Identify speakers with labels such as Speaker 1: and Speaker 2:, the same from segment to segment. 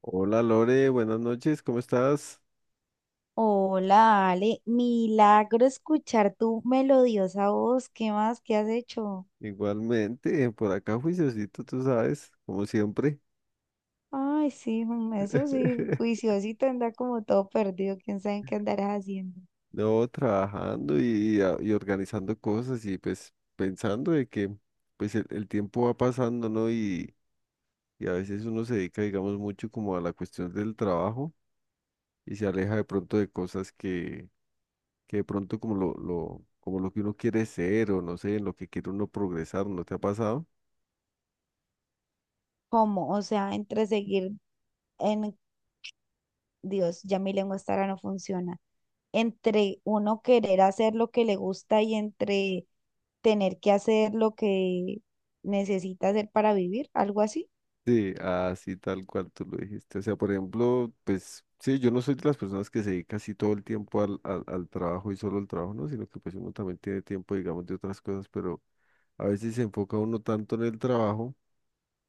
Speaker 1: Hola Lore, buenas noches, ¿cómo estás?
Speaker 2: Hola, Ale, milagro escuchar tu melodiosa voz. ¿Qué más? ¿Qué has hecho?
Speaker 1: Igualmente, por acá juiciosito, tú sabes, como siempre.
Speaker 2: Ay, sí, eso sí, juiciosito anda como todo perdido. ¿Quién sabe en qué andarás haciendo?
Speaker 1: No, trabajando y, y organizando cosas y pues pensando de que pues el tiempo va pasando, ¿no? Y a veces uno se dedica, digamos, mucho como a la cuestión del trabajo y se aleja de pronto de cosas que de pronto como como lo que uno quiere ser o no sé, en lo que quiere uno progresar, ¿no te ha pasado?
Speaker 2: ¿Cómo? O sea, entre seguir en Dios, ya mi lengua estará no funciona. Entre uno querer hacer lo que le gusta y entre tener que hacer lo que necesita hacer para vivir, algo así.
Speaker 1: Sí, así tal cual tú lo dijiste. O sea, por ejemplo, pues sí, yo no soy de las personas que se dedica así todo el tiempo al trabajo y solo al trabajo, ¿no? Sino que pues uno también tiene tiempo, digamos, de otras cosas, pero a veces se enfoca uno tanto en el trabajo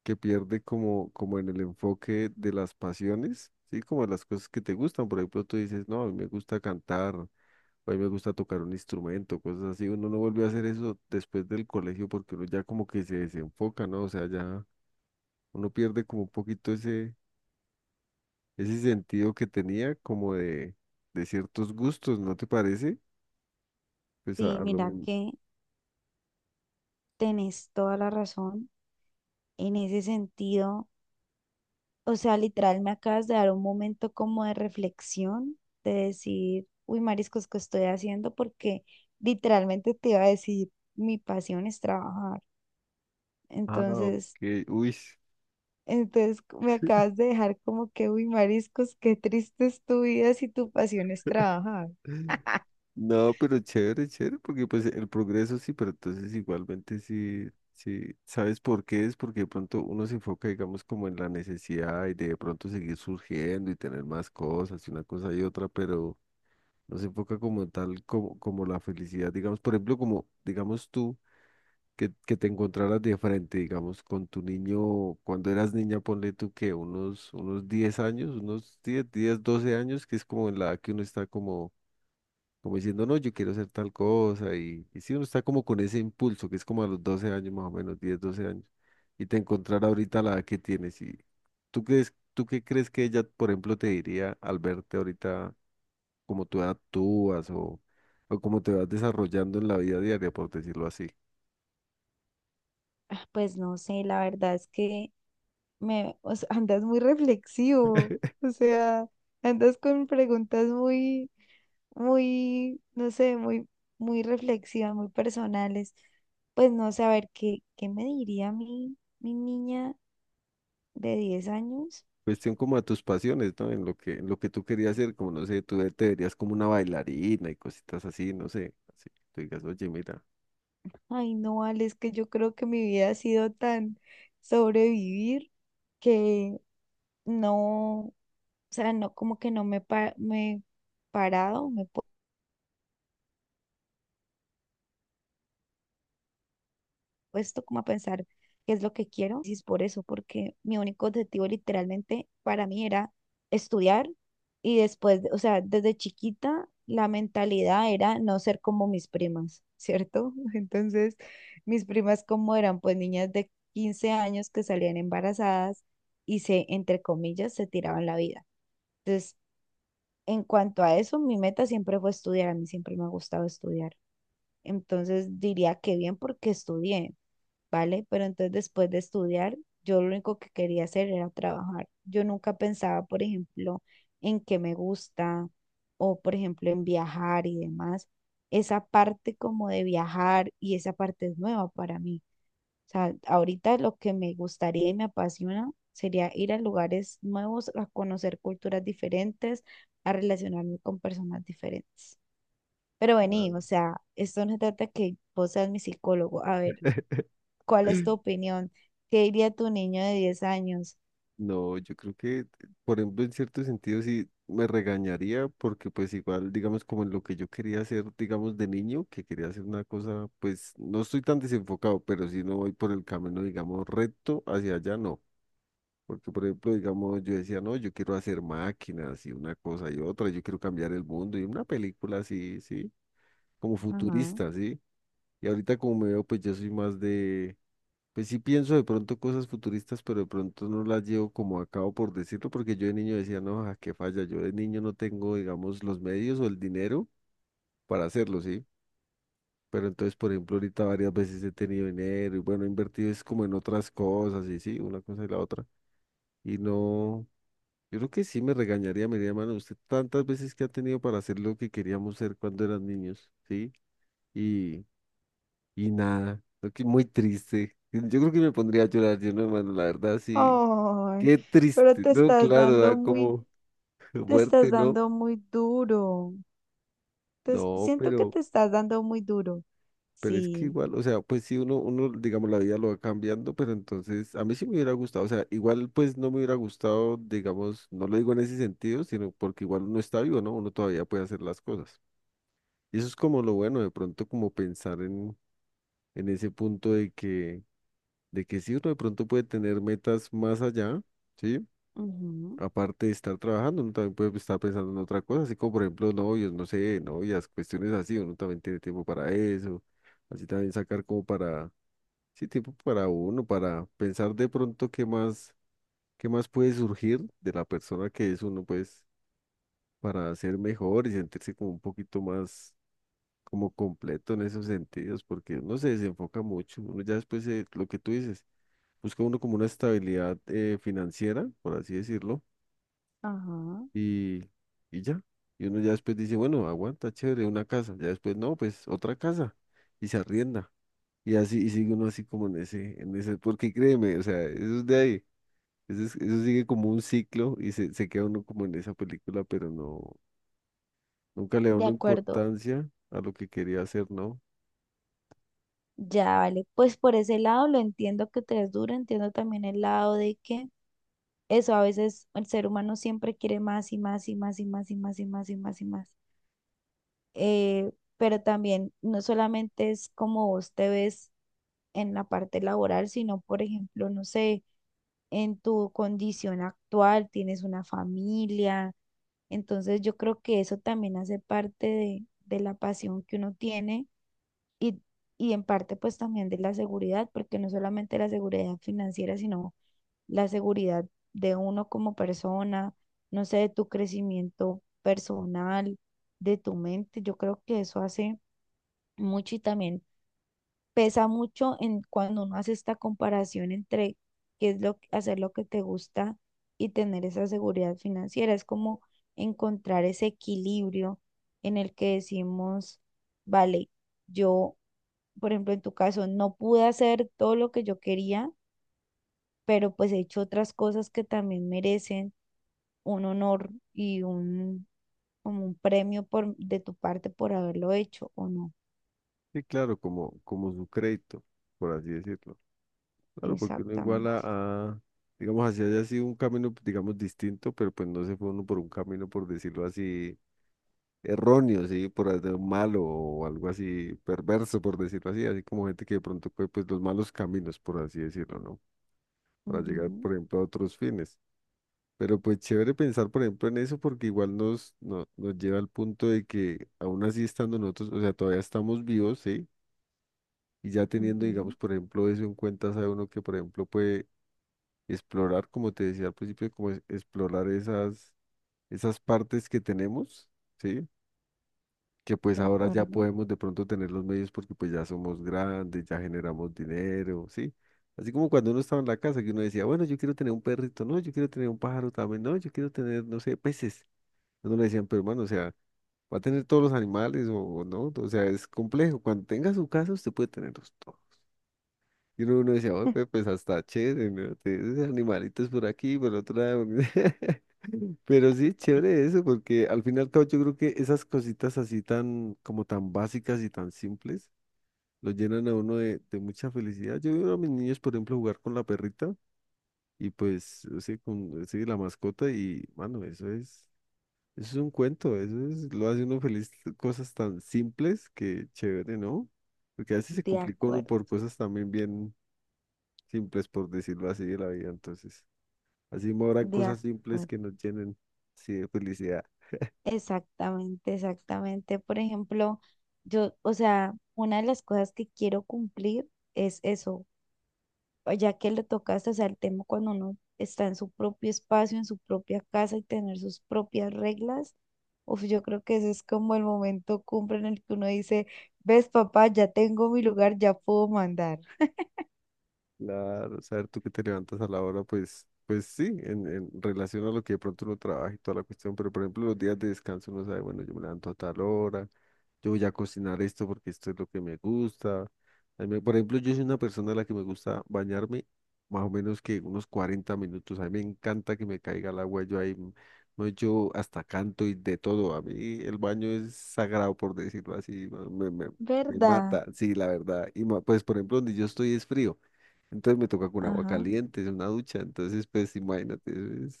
Speaker 1: que pierde como en el enfoque de las pasiones, ¿sí? Como de las cosas que te gustan. Por ejemplo, tú dices, no, a mí me gusta cantar, o a mí me gusta tocar un instrumento, cosas así. Uno no vuelve a hacer eso después del colegio porque uno ya como que se desenfoca, ¿no? O sea, ya uno pierde como un poquito ese sentido que tenía como de ciertos gustos, ¿no te parece? Pues
Speaker 2: Sí,
Speaker 1: a lo
Speaker 2: mira
Speaker 1: men-
Speaker 2: que tenés toda la razón en ese sentido. O sea, literal, me acabas de dar un momento como de reflexión, de decir, uy, mariscos, ¿qué estoy haciendo? Porque literalmente te iba a decir, mi pasión es trabajar.
Speaker 1: Ah,
Speaker 2: Entonces,
Speaker 1: ok, uy.
Speaker 2: entonces me acabas de dejar como que, uy, mariscos, qué triste es tu vida si tu pasión es trabajar.
Speaker 1: No, pero chévere, porque pues el progreso sí, pero entonces igualmente sí, sí, ¿sabes por qué? Es porque de pronto uno se enfoca, digamos, como en la necesidad y de pronto seguir surgiendo y tener más cosas y una cosa y otra, pero no se enfoca como en tal, como la felicidad, digamos, por ejemplo, como, digamos tú. Que te encontraras de frente, digamos, con tu niño, cuando eras niña, ponle tú que unos 10 años, unos 10 10, 12 años, que es como en la edad que uno está como, como diciendo, no, yo quiero hacer tal cosa, y si uno está como con ese impulso, que es como a los 12 años más o menos, 10 12 años, y te encontrar ahorita la edad que tienes, y tú crees, tú qué crees que ella, por ejemplo, te diría al verte ahorita, cómo tú actúas o cómo te vas desarrollando en la vida diaria, por decirlo así.
Speaker 2: Ah, pues no sé, la verdad es que o sea, andas muy reflexivo, o sea, andas con preguntas muy muy, no sé, muy, muy reflexivas, muy personales. Pues no sé, a ver, ¿qué me diría mi niña de 10 años?
Speaker 1: Cuestión como a tus pasiones, ¿no? En lo que tú querías hacer, como no sé, te verías como una bailarina y cositas así, no sé, así, tú digas, oye, mira,
Speaker 2: Ay, no, Ale, es que yo creo que mi vida ha sido tan sobrevivir que no, o sea, no, como que no me, me he parado, me he puesto como a pensar qué es lo que quiero. Y es por eso, porque mi único objetivo literalmente para mí era estudiar y después, o sea, desde chiquita la mentalidad era no ser como mis primas, ¿cierto? Entonces, mis primas como eran pues niñas de 15 años que salían embarazadas y se, entre comillas, se tiraban la vida. Entonces, en cuanto a eso, mi meta siempre fue estudiar, a mí siempre me ha gustado estudiar. Entonces diría que bien porque estudié, ¿vale? Pero entonces después de estudiar, yo lo único que quería hacer era trabajar. Yo nunca pensaba, por ejemplo, en qué me gusta o, por ejemplo, en viajar y demás. Esa parte como de viajar y esa parte es nueva para mí. O sea, ahorita lo que me gustaría y me apasiona sería ir a lugares nuevos, a conocer culturas diferentes, a relacionarme con personas diferentes. Pero vení, o sea, esto no se trata que vos seas mi psicólogo. A ver. ¿Cuál es tu opinión? ¿Qué diría tu niño de 10 años?
Speaker 1: no, yo creo que, por ejemplo, en cierto sentido sí me regañaría porque pues igual, digamos, como en lo que yo quería hacer, digamos, de niño, que quería hacer una cosa, pues no estoy tan desenfocado, pero si no voy por el camino, digamos, recto hacia allá, no. Porque, por ejemplo, digamos, yo decía, no, yo quiero hacer máquinas y una cosa y otra, yo quiero cambiar el mundo y una película así, sí. Como
Speaker 2: Ajá.
Speaker 1: futurista, ¿sí? Y ahorita como me veo, pues yo soy más de, pues sí pienso de pronto cosas futuristas, pero de pronto no las llevo como a cabo por decirlo, porque yo de niño decía, no, a qué falla, yo de niño no tengo, digamos, los medios o el dinero para hacerlo, ¿sí? Pero entonces, por ejemplo, ahorita varias veces he tenido dinero y bueno, he invertido es como en otras cosas y sí, una cosa y la otra. Y no, yo creo que sí me regañaría, me diría, mano, usted tantas veces que ha tenido para hacer lo que queríamos ser cuando eran niños, ¿sí? Y, y nada, creo que muy triste. Yo creo que me pondría a llorar yo, no, hermano, la verdad, sí.
Speaker 2: Ay,
Speaker 1: Qué
Speaker 2: pero
Speaker 1: triste,
Speaker 2: te
Speaker 1: no,
Speaker 2: estás
Speaker 1: claro,
Speaker 2: dando
Speaker 1: da
Speaker 2: muy,
Speaker 1: como
Speaker 2: te estás
Speaker 1: fuerte, ¿no?
Speaker 2: dando muy duro. Te es-
Speaker 1: No,
Speaker 2: siento que te estás dando muy duro.
Speaker 1: pero es que
Speaker 2: Sí.
Speaker 1: igual, o sea, pues sí, digamos, la vida lo va cambiando, pero entonces, a mí sí me hubiera gustado, o sea, igual pues no me hubiera gustado, digamos, no lo digo en ese sentido, sino porque igual uno está vivo, ¿no? Uno todavía puede hacer las cosas. Y eso es como lo bueno, de pronto como pensar en ese punto de que sí, uno de pronto puede tener metas más allá. ¿Sí?
Speaker 2: Ujú,
Speaker 1: Aparte de estar trabajando, uno también puede estar pensando en otra cosa, así como por ejemplo novios, no sé, novias, cuestiones así, uno también tiene tiempo para eso, así también sacar como para, sí, tiempo para uno, para pensar de pronto qué más puede surgir de la persona que es uno, pues, para ser mejor y sentirse como un poquito más como completo en esos sentidos, porque uno se desenfoca mucho, uno ya después, lo que tú dices, busca uno como una estabilidad financiera, por así decirlo
Speaker 2: ajá.
Speaker 1: y, y ya. Y uno ya después dice, bueno, aguanta, chévere, una casa. Ya después, no, pues otra casa. Y se arrienda. Y así, y sigue uno así como en ese, porque créeme, o sea, eso es de ahí. Eso, eso sigue como un ciclo y se queda uno como en esa película, pero no, nunca le da
Speaker 2: De
Speaker 1: una
Speaker 2: acuerdo.
Speaker 1: importancia a lo que quería hacer, ¿no?
Speaker 2: Ya, vale. Pues por ese lado lo entiendo que te es duro, entiendo también el lado de que eso a veces el ser humano siempre quiere más y más y más y más y más y más y más y más. Eh, pero también no solamente es como vos te ves en la parte laboral, sino, por ejemplo, no sé, en tu condición actual, tienes una familia, entonces yo creo que eso también hace parte de la pasión que uno tiene y, en parte pues también de la seguridad, porque no solamente la seguridad financiera, sino la seguridad de uno como persona, no sé, de tu crecimiento personal, de tu mente, yo creo que eso hace mucho y también pesa mucho en cuando uno hace esta comparación entre qué es lo hacer lo que te gusta y tener esa seguridad financiera. Es como encontrar ese equilibrio en el que decimos, vale, yo, por ejemplo, en tu caso, no pude hacer todo lo que yo quería, pero pues he hecho otras cosas que también merecen un honor y un como un premio por de tu parte por haberlo hecho o no.
Speaker 1: Sí, claro, como su crédito, por así decirlo. Claro, porque uno igual
Speaker 2: Exactamente.
Speaker 1: a- digamos, así haya sido un camino, digamos, distinto, pero pues no se fue uno por un camino, por decirlo así erróneo, sí, por hacer malo o algo así perverso, por decirlo así, así como gente que de pronto coge pues los malos caminos, por así decirlo, ¿no? Para llegar,
Speaker 2: Ujú,
Speaker 1: por ejemplo, a otros fines. Pero pues chévere pensar, por ejemplo, en eso porque igual nos, no- nos lleva al punto de que aún así estando nosotros, o sea, todavía estamos vivos, ¿sí? Y ya teniendo, digamos,
Speaker 2: ujú.
Speaker 1: por ejemplo, eso en cuenta, sabe uno que, por ejemplo, puede explorar, como te decía al principio, explorar esas, esas partes que tenemos, ¿sí? Que pues
Speaker 2: De
Speaker 1: ahora ya
Speaker 2: acuerdo.
Speaker 1: podemos de pronto tener los medios porque pues ya somos grandes, ya generamos dinero, ¿sí? Así como cuando uno estaba en la casa que uno decía, bueno, yo quiero tener un perrito, no, yo quiero tener un pájaro también, no, yo quiero tener, no sé, peces. Uno le decían, pero hermano, o sea, va a tener todos los animales o no, o sea, es complejo. Cuando tenga su casa, usted puede tenerlos todos. Y uno decía, oye, hasta chévere, ¿no? Tienes animalitos por aquí, por otro lado. Pero sí, chévere eso, porque al final y al cabo yo creo que esas cositas así tan, como tan básicas y tan simples, lo llenan a uno de mucha felicidad. Yo veo a mis niños, por ejemplo, jugar con la perrita y pues, o sea, con sí, la mascota y, mano, eso es un cuento, eso es, lo hace uno feliz, cosas tan simples que chévere, ¿no? Porque a veces se
Speaker 2: De
Speaker 1: complica uno
Speaker 2: acuerdo,
Speaker 1: por cosas también bien simples, por decirlo así, de la vida. Entonces, así me habrán
Speaker 2: de
Speaker 1: cosas simples
Speaker 2: acuerdo.
Speaker 1: que nos llenen, sí, de felicidad.
Speaker 2: Exactamente, exactamente. Por ejemplo, yo, o sea, una de las cosas que quiero cumplir es eso, ya que le tocaste, o sea, el tema cuando uno está en su propio espacio, en su propia casa y tener sus propias reglas. Uf, yo creo que ese es como el momento cumbre en el que uno dice, ves, papá, ya tengo mi lugar, ya puedo mandar.
Speaker 1: Claro, saber tú que te levantas a la hora, pues, pues sí, en relación a lo que de pronto uno trabaja y toda la cuestión, pero por ejemplo los días de descanso uno sabe, bueno, yo me levanto a tal hora, yo voy a cocinar esto porque esto es lo que me gusta. Por ejemplo, yo soy una persona a la que me gusta bañarme más o menos que unos 40 minutos, a mí me encanta que me caiga el agua, yo ahí, no, yo hasta canto y de todo, a mí el baño es sagrado, por decirlo así, ¿no? Me
Speaker 2: ¿Verdad?
Speaker 1: mata, sí, la verdad, y pues por ejemplo donde yo estoy es frío. Entonces me toca con agua
Speaker 2: Ajá.
Speaker 1: caliente, es una ducha. Entonces, pues imagínate, es,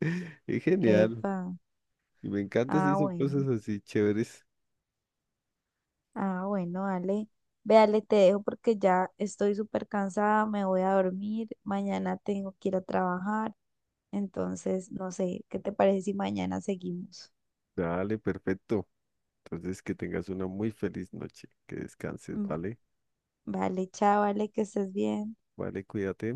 Speaker 1: es genial.
Speaker 2: Epa.
Speaker 1: Y me encanta
Speaker 2: Ah,
Speaker 1: si son
Speaker 2: bueno.
Speaker 1: cosas así chéveres.
Speaker 2: Ah, bueno, Ale. Ve, Ale, te dejo porque ya estoy súper cansada, me voy a dormir, mañana tengo que ir a trabajar, entonces no sé, ¿qué te parece si mañana seguimos?
Speaker 1: Dale, perfecto. Entonces, que tengas una muy feliz noche. Que descanses,
Speaker 2: Mm,
Speaker 1: ¿vale?
Speaker 2: vale, chao, Ale, que estés bien.
Speaker 1: Vale, cuídate.